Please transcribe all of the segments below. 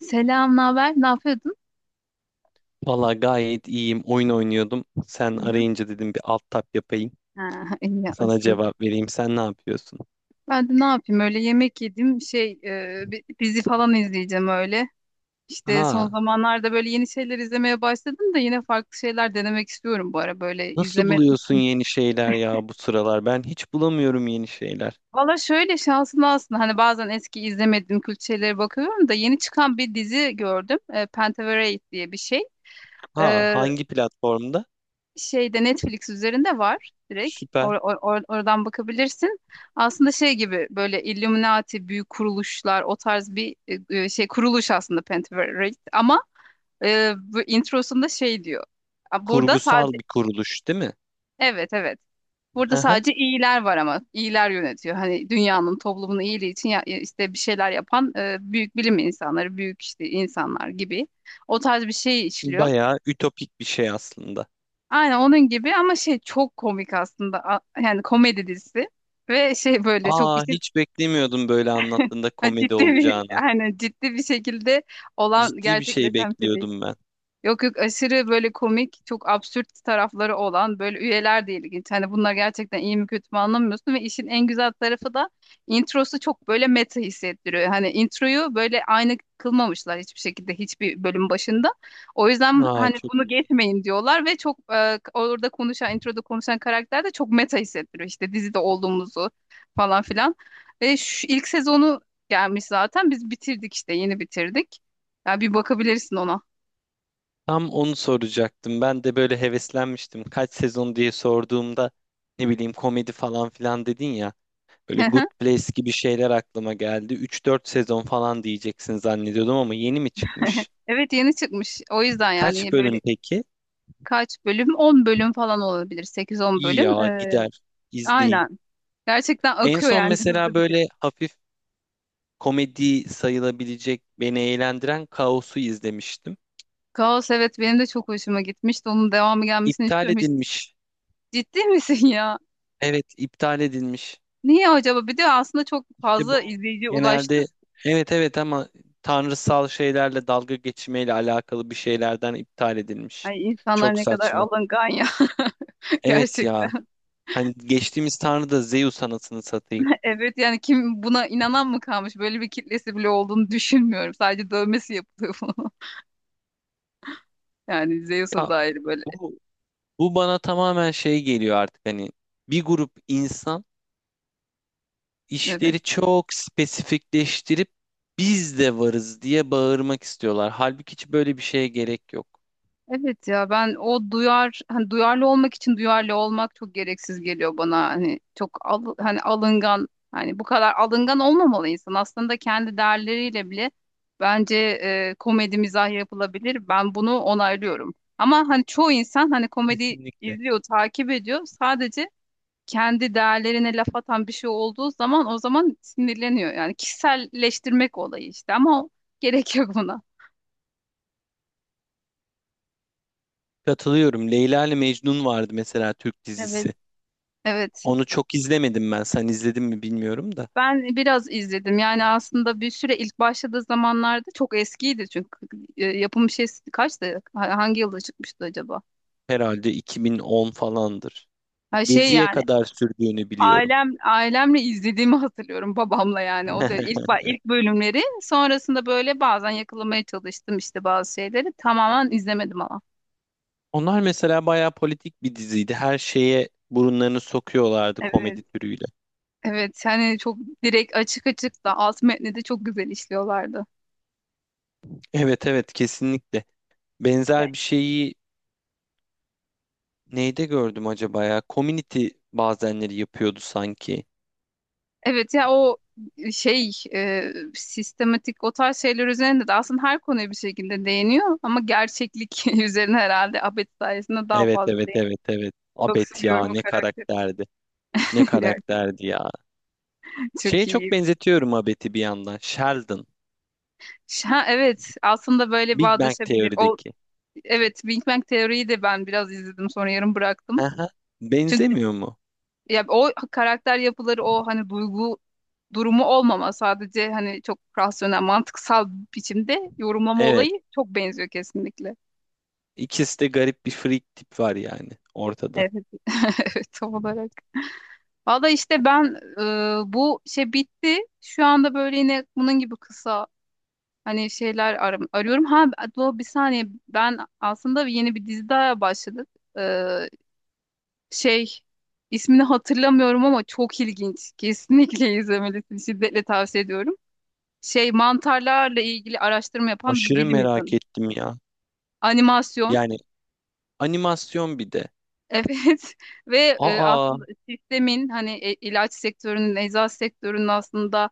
Selam, ne haber? Ne yapıyordun? Valla gayet iyiyim. Oyun oynuyordum. Sen Hı hı. arayınca dedim bir alt tap yapayım. Ha, iyi Sana yapmışsın. cevap vereyim. Sen ne yapıyorsun? Ben de ne yapayım öyle yemek yedim şey bir dizi falan izleyeceğim öyle. İşte son Aa, zamanlarda böyle yeni şeyler izlemeye başladım da yine farklı şeyler denemek istiyorum bu ara böyle nasıl izleme. buluyorsun yeni şeyler ya bu sıralar? Ben hiç bulamıyorum yeni şeyler. Valla şöyle şanslı aslında hani bazen eski izlemediğim kült şeylere bakıyorum da yeni çıkan bir dizi gördüm. Pentaverate diye bir şey. Aa, E, hangi platformda? şeyde Netflix üzerinde var direkt. Süper. Oradan bakabilirsin. Aslında şey gibi böyle Illuminati büyük kuruluşlar o tarz bir şey kuruluş aslında Pentaverate ama bu introsunda şey diyor. Burada sadece Kurgusal bir kuruluş, değil mi? evet evet. Burada Hı hı. sadece iyiler var ama iyiler yönetiyor. Hani dünyanın toplumun iyiliği için ya, işte bir şeyler yapan büyük bilim insanları, büyük işte insanlar gibi o tarz bir şey işliyor. Bayağı ütopik bir şey aslında. Aynen onun gibi ama şey çok komik aslında. Yani komedi dizisi ve şey böyle çok Aa, işin hiç beklemiyordum böyle anlattığında ha, komedi ciddi bir olacağını. aynen ciddi bir şekilde olan Ciddi bir şey gerçekleşen bir şey değil. bekliyordum ben. Yok yok aşırı böyle komik, çok absürt tarafları olan böyle üyeler de ilginç. Hani bunlar gerçekten iyi mi kötü mü anlamıyorsun ve işin en güzel tarafı da introsu çok böyle meta hissettiriyor. Hani introyu böyle aynı kılmamışlar hiçbir şekilde hiçbir bölüm başında. O yüzden Aa, hani çok bunu iyi. geçmeyin diyorlar ve çok orada konuşan, introda konuşan karakter de çok meta hissettiriyor. İşte dizide olduğumuzu falan filan. Ve şu ilk sezonu gelmiş zaten. Biz bitirdik işte yeni bitirdik. Ya bir bakabilirsin ona. Tam onu soracaktım. Ben de böyle heveslenmiştim. Kaç sezon diye sorduğumda ne bileyim komedi falan filan dedin ya. Böyle Good Place gibi şeyler aklıma geldi. Üç dört sezon falan diyeceksin zannediyordum ama yeni mi çıkmış? Evet yeni çıkmış. O yüzden Kaç yani böyle bölüm peki? kaç bölüm? 10 bölüm falan olabilir. sekiz on İyi bölüm. ya gider izleyeyim. Aynen. Gerçekten En akıyor son yani mesela hızlı bitir. böyle hafif komedi sayılabilecek beni eğlendiren Kaos'u izlemiştim. Kaos evet benim de çok hoşuma gitmişti. Onun devamı gelmesini İptal istiyorum. Edilmiş. Ciddi misin ya? Evet iptal edilmiş. Niye acaba? Bir de aslında çok İşte bu fazla izleyici ulaştı. genelde, evet evet, ama tanrısal şeylerle dalga geçmeyle alakalı bir şeylerden iptal edilmiş. Ay insanlar Çok ne kadar saçma. alıngan ya, Evet ya. gerçekten. Hani geçtiğimiz tanrı da Zeus anasını satayım. Evet yani kim buna inanan mı kalmış? Böyle bir kitlesi bile olduğunu düşünmüyorum. Sadece dövmesi yapılıyor bunun. Yani Zeus'a Ya dair böyle. bu, bu bana tamamen şey geliyor artık. Hani bir grup insan Evet. işleri çok spesifikleştirip biz de varız diye bağırmak istiyorlar. Halbuki hiç böyle bir şeye gerek yok. Evet ya ben o duyar hani duyarlı olmak için duyarlı olmak çok gereksiz geliyor bana hani çok hani alıngan hani bu kadar alıngan olmamalı insan aslında kendi değerleriyle bile bence komedi mizah yapılabilir ben bunu onaylıyorum ama hani çoğu insan hani komedi Kesinlikle. izliyor takip ediyor sadece kendi değerlerine laf atan bir şey olduğu zaman o zaman sinirleniyor yani kişiselleştirmek olayı işte ama gerek yok buna Katılıyorum. Leyla ile Mecnun vardı mesela, Türk evet dizisi. evet. Onu çok izlemedim ben. Sen izledin mi bilmiyorum da. Ben biraz izledim. Yani aslında bir süre ilk başladığı zamanlarda çok eskiydi çünkü yapım şey kaçtı? Hangi yılda çıkmıştı acaba? Herhalde 2010 falandır. Ha şey Gezi'ye yani kadar sürdüğünü biliyorum. ailemle izlediğimi hatırlıyorum babamla yani o da ilk bölümleri. Sonrasında böyle bazen yakalamaya çalıştım işte bazı şeyleri. Tamamen izlemedim ama. Onlar mesela bayağı politik bir diziydi. Her şeye burunlarını sokuyorlardı Evet. komedi türüyle. Evet yani çok direkt açık açık da alt metni de çok güzel işliyorlardı. Evet evet, kesinlikle. Benzer bir şeyi neyde gördüm acaba ya? Community bazenleri yapıyordu sanki. Evet ya o şey sistematik o tarz şeyler üzerinde de aslında her konuya bir şekilde değiniyor ama gerçeklik üzerine herhalde Abed sayesinde daha Evet fazla evet değiniyor. evet evet. Çok Abet ya, seviyorum o ne karakteri. karakterdi. Ne Gerçekten karakterdi ya. çok Şeye çok iyi. benzetiyorum Abet'i bir yandan. Sheldon. Ha, evet aslında böyle Big Bang bağdaşabilir. O Teori'deki. evet, Big Bang Teori'yi de ben biraz izledim sonra yarım bıraktım. Aha. Çünkü Benzemiyor mu? ya o karakter yapıları o hani duygu durumu olmama sadece hani çok rasyonel mantıksal biçimde yorumlama Evet. olayı çok benziyor kesinlikle. İkisi de garip bir freak tip var yani ortada. Evet, evet tam olarak. Valla işte ben bu şey bitti. Şu anda böyle yine bunun gibi kısa hani şeyler arıyorum. Bir saniye ben aslında yeni bir dizi daha başladık. E, şey ismini hatırlamıyorum ama çok ilginç. Kesinlikle izlemelisin. Şiddetle tavsiye ediyorum. Şey mantarlarla ilgili araştırma yapan bir Aşırı bilim merak insanı. ettim ya. Animasyon. Yani animasyon bir de. Evet, ve Aa, aslında sistemin hani ilaç sektörünün, eczacı sektörünün aslında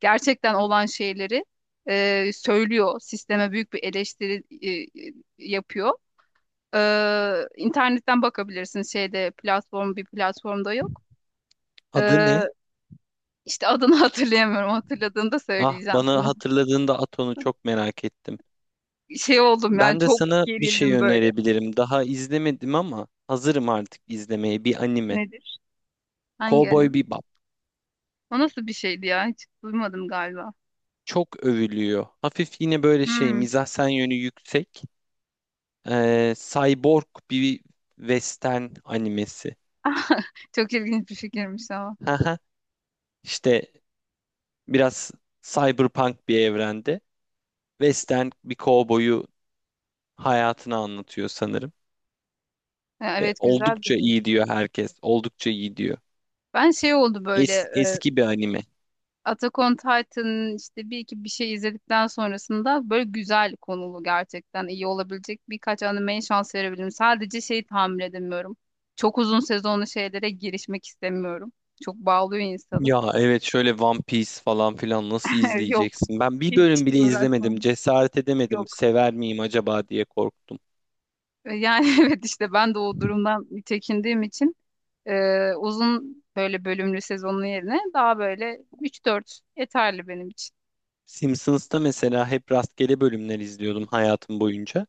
gerçekten olan şeyleri söylüyor. Sisteme büyük bir eleştiri e, yapıyor. E, internetten bakabilirsin şeyde platform bir platformda yok. E, adı ne? işte adını hatırlayamıyorum. Hatırladığında Ah, söyleyeceğim bana sana. hatırladığında at onu, çok merak ettim. Şey oldum yani Ben de çok sana bir şey gerildim böyle. önerebilirim. Daha izlemedim ama hazırım artık izlemeye. Bir anime. Nedir? Hangi Cowboy anime? Bebop. O nasıl bir şeydi ya? Hiç duymadım galiba. Çok övülüyor. Hafif yine böyle şey Hmm, mizahsen yönü yüksek. Cyborg bir western animesi. çok ilginç bir fikirmiş ama. Haha. İşte biraz cyberpunk bir evrende. Western bir kovboyu hayatını anlatıyor sanırım. Ha, Ve evet güzel oldukça duruyor. iyi diyor herkes. Oldukça iyi diyor. Ben şey oldu böyle Es- eski bir anime. Attack on Titan'ın işte bir iki bir şey izledikten sonrasında böyle güzel konulu gerçekten iyi olabilecek birkaç animeye şans verebilirim. Sadece şeyi tahammül edemiyorum. Çok uzun sezonlu şeylere girişmek istemiyorum. Çok bağlıyor insanı. Ya evet, şöyle One Piece falan filan nasıl Yok izleyeceksin? Ben bir hiç bölüm bile izlemedim. uğraşmam. Cesaret edemedim. Yok. Sever miyim acaba diye korktum. Yani evet işte ben de o durumdan çekindiğim için uzun böyle bölümlü sezonun yerine daha böyle üç dört yeterli benim için. Simpsons'ta mesela hep rastgele bölümler izliyordum hayatım boyunca.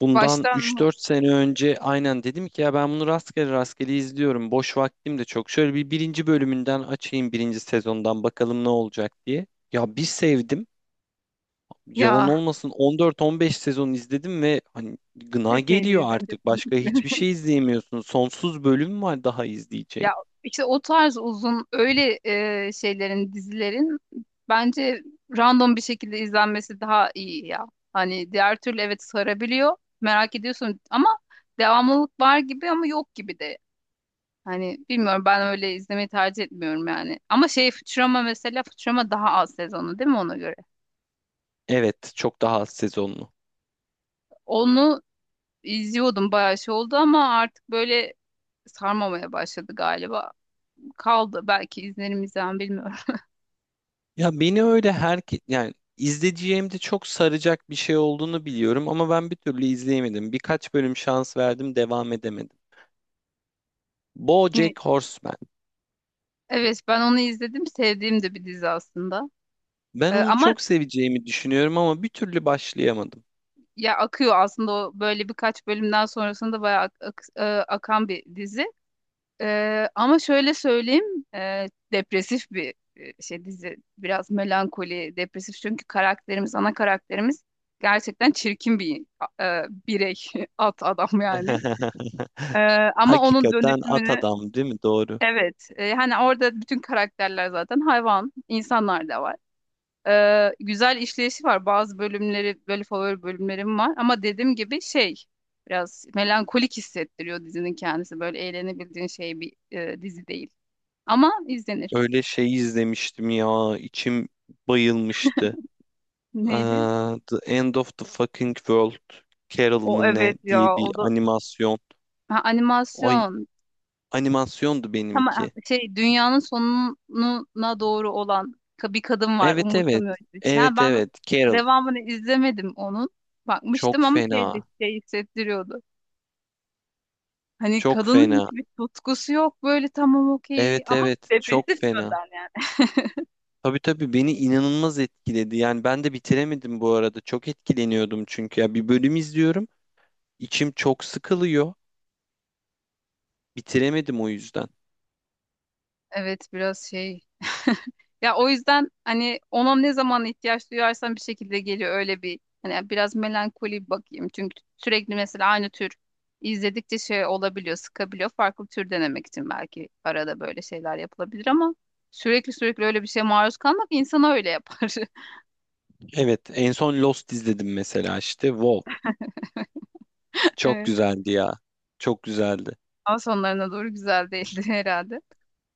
Bundan üç Baştan dört sene önce aynen dedim ki ya ben bunu rastgele rastgele izliyorum. Boş vaktim de çok. Şöyle bir birinci bölümünden açayım birinci sezondan, bakalım ne olacak diye. Ya bir sevdim. Yalan ya olmasın 14-15 sezon izledim ve hani gına epeydir geliyor izledim. artık. Başka hiçbir şey izleyemiyorsun. Sonsuz bölüm var daha izleyeceğin. Ya işte o tarz uzun öyle şeylerin dizilerin bence random bir şekilde izlenmesi daha iyi ya. Hani diğer türlü evet sarabiliyor. Merak ediyorsun ama devamlılık var gibi ama yok gibi de. Hani bilmiyorum ben öyle izlemeyi tercih etmiyorum yani. Ama şey Futurama mesela Futurama daha az sezonu değil mi ona göre? Evet, çok daha az sezonlu. Onu izliyordum bayağı şey oldu ama artık böyle sarmamaya başladı galiba. Kaldı belki izlerimizden bilmiyorum. Ya beni öyle her, yani izleyeceğim de çok saracak bir şey olduğunu biliyorum ama ben bir türlü izleyemedim. Birkaç bölüm şans verdim, devam edemedim. Hani, BoJack Horseman. evet ben onu izledim sevdiğim de bir dizi aslında. Ben onu Ama çok seveceğimi düşünüyorum ama bir türlü başlayamadım. ya akıyor aslında o böyle birkaç bölümden sonrasında bayağı akan bir dizi. Ama şöyle söyleyeyim depresif bir şey dizi biraz melankoli depresif çünkü karakterimiz ana karakterimiz gerçekten çirkin bir birey at adam yani. Ee, ama onun Hakikaten at dönüşümünü. adam değil mi? Doğru. Evet, hani orada bütün karakterler zaten hayvan, insanlar da var. Güzel işleyişi var. Bazı bölümleri, böyle favori bölümlerim var. Ama dediğim gibi şey, biraz melankolik hissettiriyor dizinin kendisi. Böyle eğlenebildiğin şey bir dizi değil. Ama izlenir. Öyle şey izlemiştim ya. İçim bayılmıştı. Neydi? Aa, The End of the Fucking World. Carol O mı ne evet diye ya, bir o da animasyon. ha, Ay, animasyon. animasyondu benimki. Ama şey dünyanın sonuna doğru olan bir kadın var Evet evet. umursamıyor gibi, bir şey. Ha, Evet ben evet. Carol. devamını izlemedim onun. Çok Bakmıştım ama şeydi fena. şey hissettiriyordu. Hani Çok kadının fena. hiçbir tutkusu yok böyle tamam okey Evet ama evet. Çok depresif fena. yönden yani. Tabii tabii, beni inanılmaz etkiledi. Yani ben de bitiremedim bu arada. Çok etkileniyordum çünkü ya bir bölüm izliyorum, içim çok sıkılıyor. Bitiremedim o yüzden. Evet biraz şey. Ya o yüzden hani ona ne zaman ihtiyaç duyarsam bir şekilde geliyor öyle bir hani biraz melankoli bir bakayım. Çünkü sürekli mesela aynı tür izledikçe şey olabiliyor, sıkabiliyor. Farklı tür denemek için belki arada böyle şeyler yapılabilir ama sürekli sürekli öyle bir şeye maruz kalmak insanı öyle yapar. Evet, en son Lost izledim mesela işte. Wow, çok Evet. güzeldi ya. Çok güzeldi. Ama sonlarına doğru güzel değildi herhalde.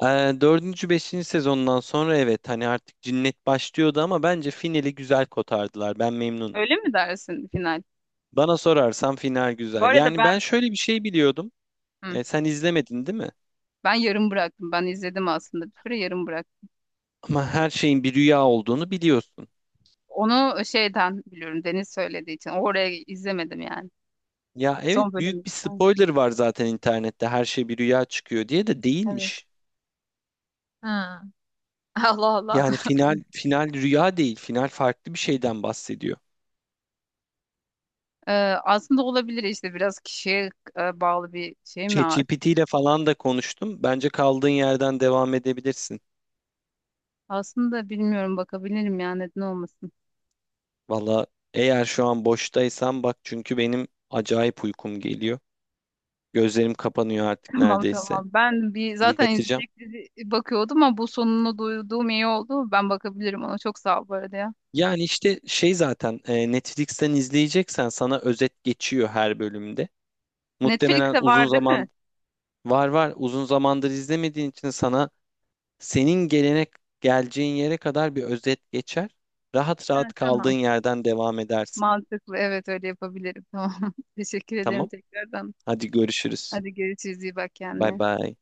Ee, dördüncü, beşinci sezondan sonra evet, hani artık cinnet başlıyordu ama bence finali güzel kotardılar. Ben memnunum. Öyle mi dersin final? Bana sorarsan final Bu güzel. arada Yani ben ben şöyle bir şey biliyordum. hı, Sen izlemedin değil mi? ben yarım bıraktım. Ben izledim aslında bir süre yarım bıraktım. Ama her şeyin bir rüya olduğunu biliyorsun. Onu şeyden biliyorum Deniz söylediği için. Oraya izlemedim yani. Ya Son evet, büyük bölüm. bir Ha, spoiler var zaten internette her şey bir rüya çıkıyor diye, de evet. değilmiş. Ha. Allah Allah. Yani final, final rüya değil, final farklı bir şeyden bahsediyor. Ee, aslında olabilir işte biraz kişiye bağlı bir şey mi artık? ChatGPT ile falan da konuştum. Bence kaldığın yerden devam edebilirsin. Aslında bilmiyorum bakabilirim yani neden olmasın. Valla eğer şu an boştaysan bak, çünkü benim acayip uykum geliyor. Gözlerim kapanıyor artık Tamam neredeyse. tamam. Ben bir zaten Yatacağım. izleyecek dizi bakıyordum ama bu sonunu duyduğum iyi oldu. Ben bakabilirim ona. Çok sağ ol bu arada ya. Yani işte şey zaten, Netflix'ten izleyeceksen sana özet geçiyor her bölümde. Muhtemelen Netflix'te uzun var değil mi? zaman. Var var, uzun zamandır izlemediğin için sana, senin gelene, geleceğin yere kadar bir özet geçer. Rahat Ha, rahat kaldığın tamam. yerden devam edersin. Mantıklı. Evet öyle yapabilirim. Tamam. Teşekkür ederim Tamam? tekrardan. Hadi görüşürüz. Hadi görüşürüz. İyi bak Bay kendine. bay.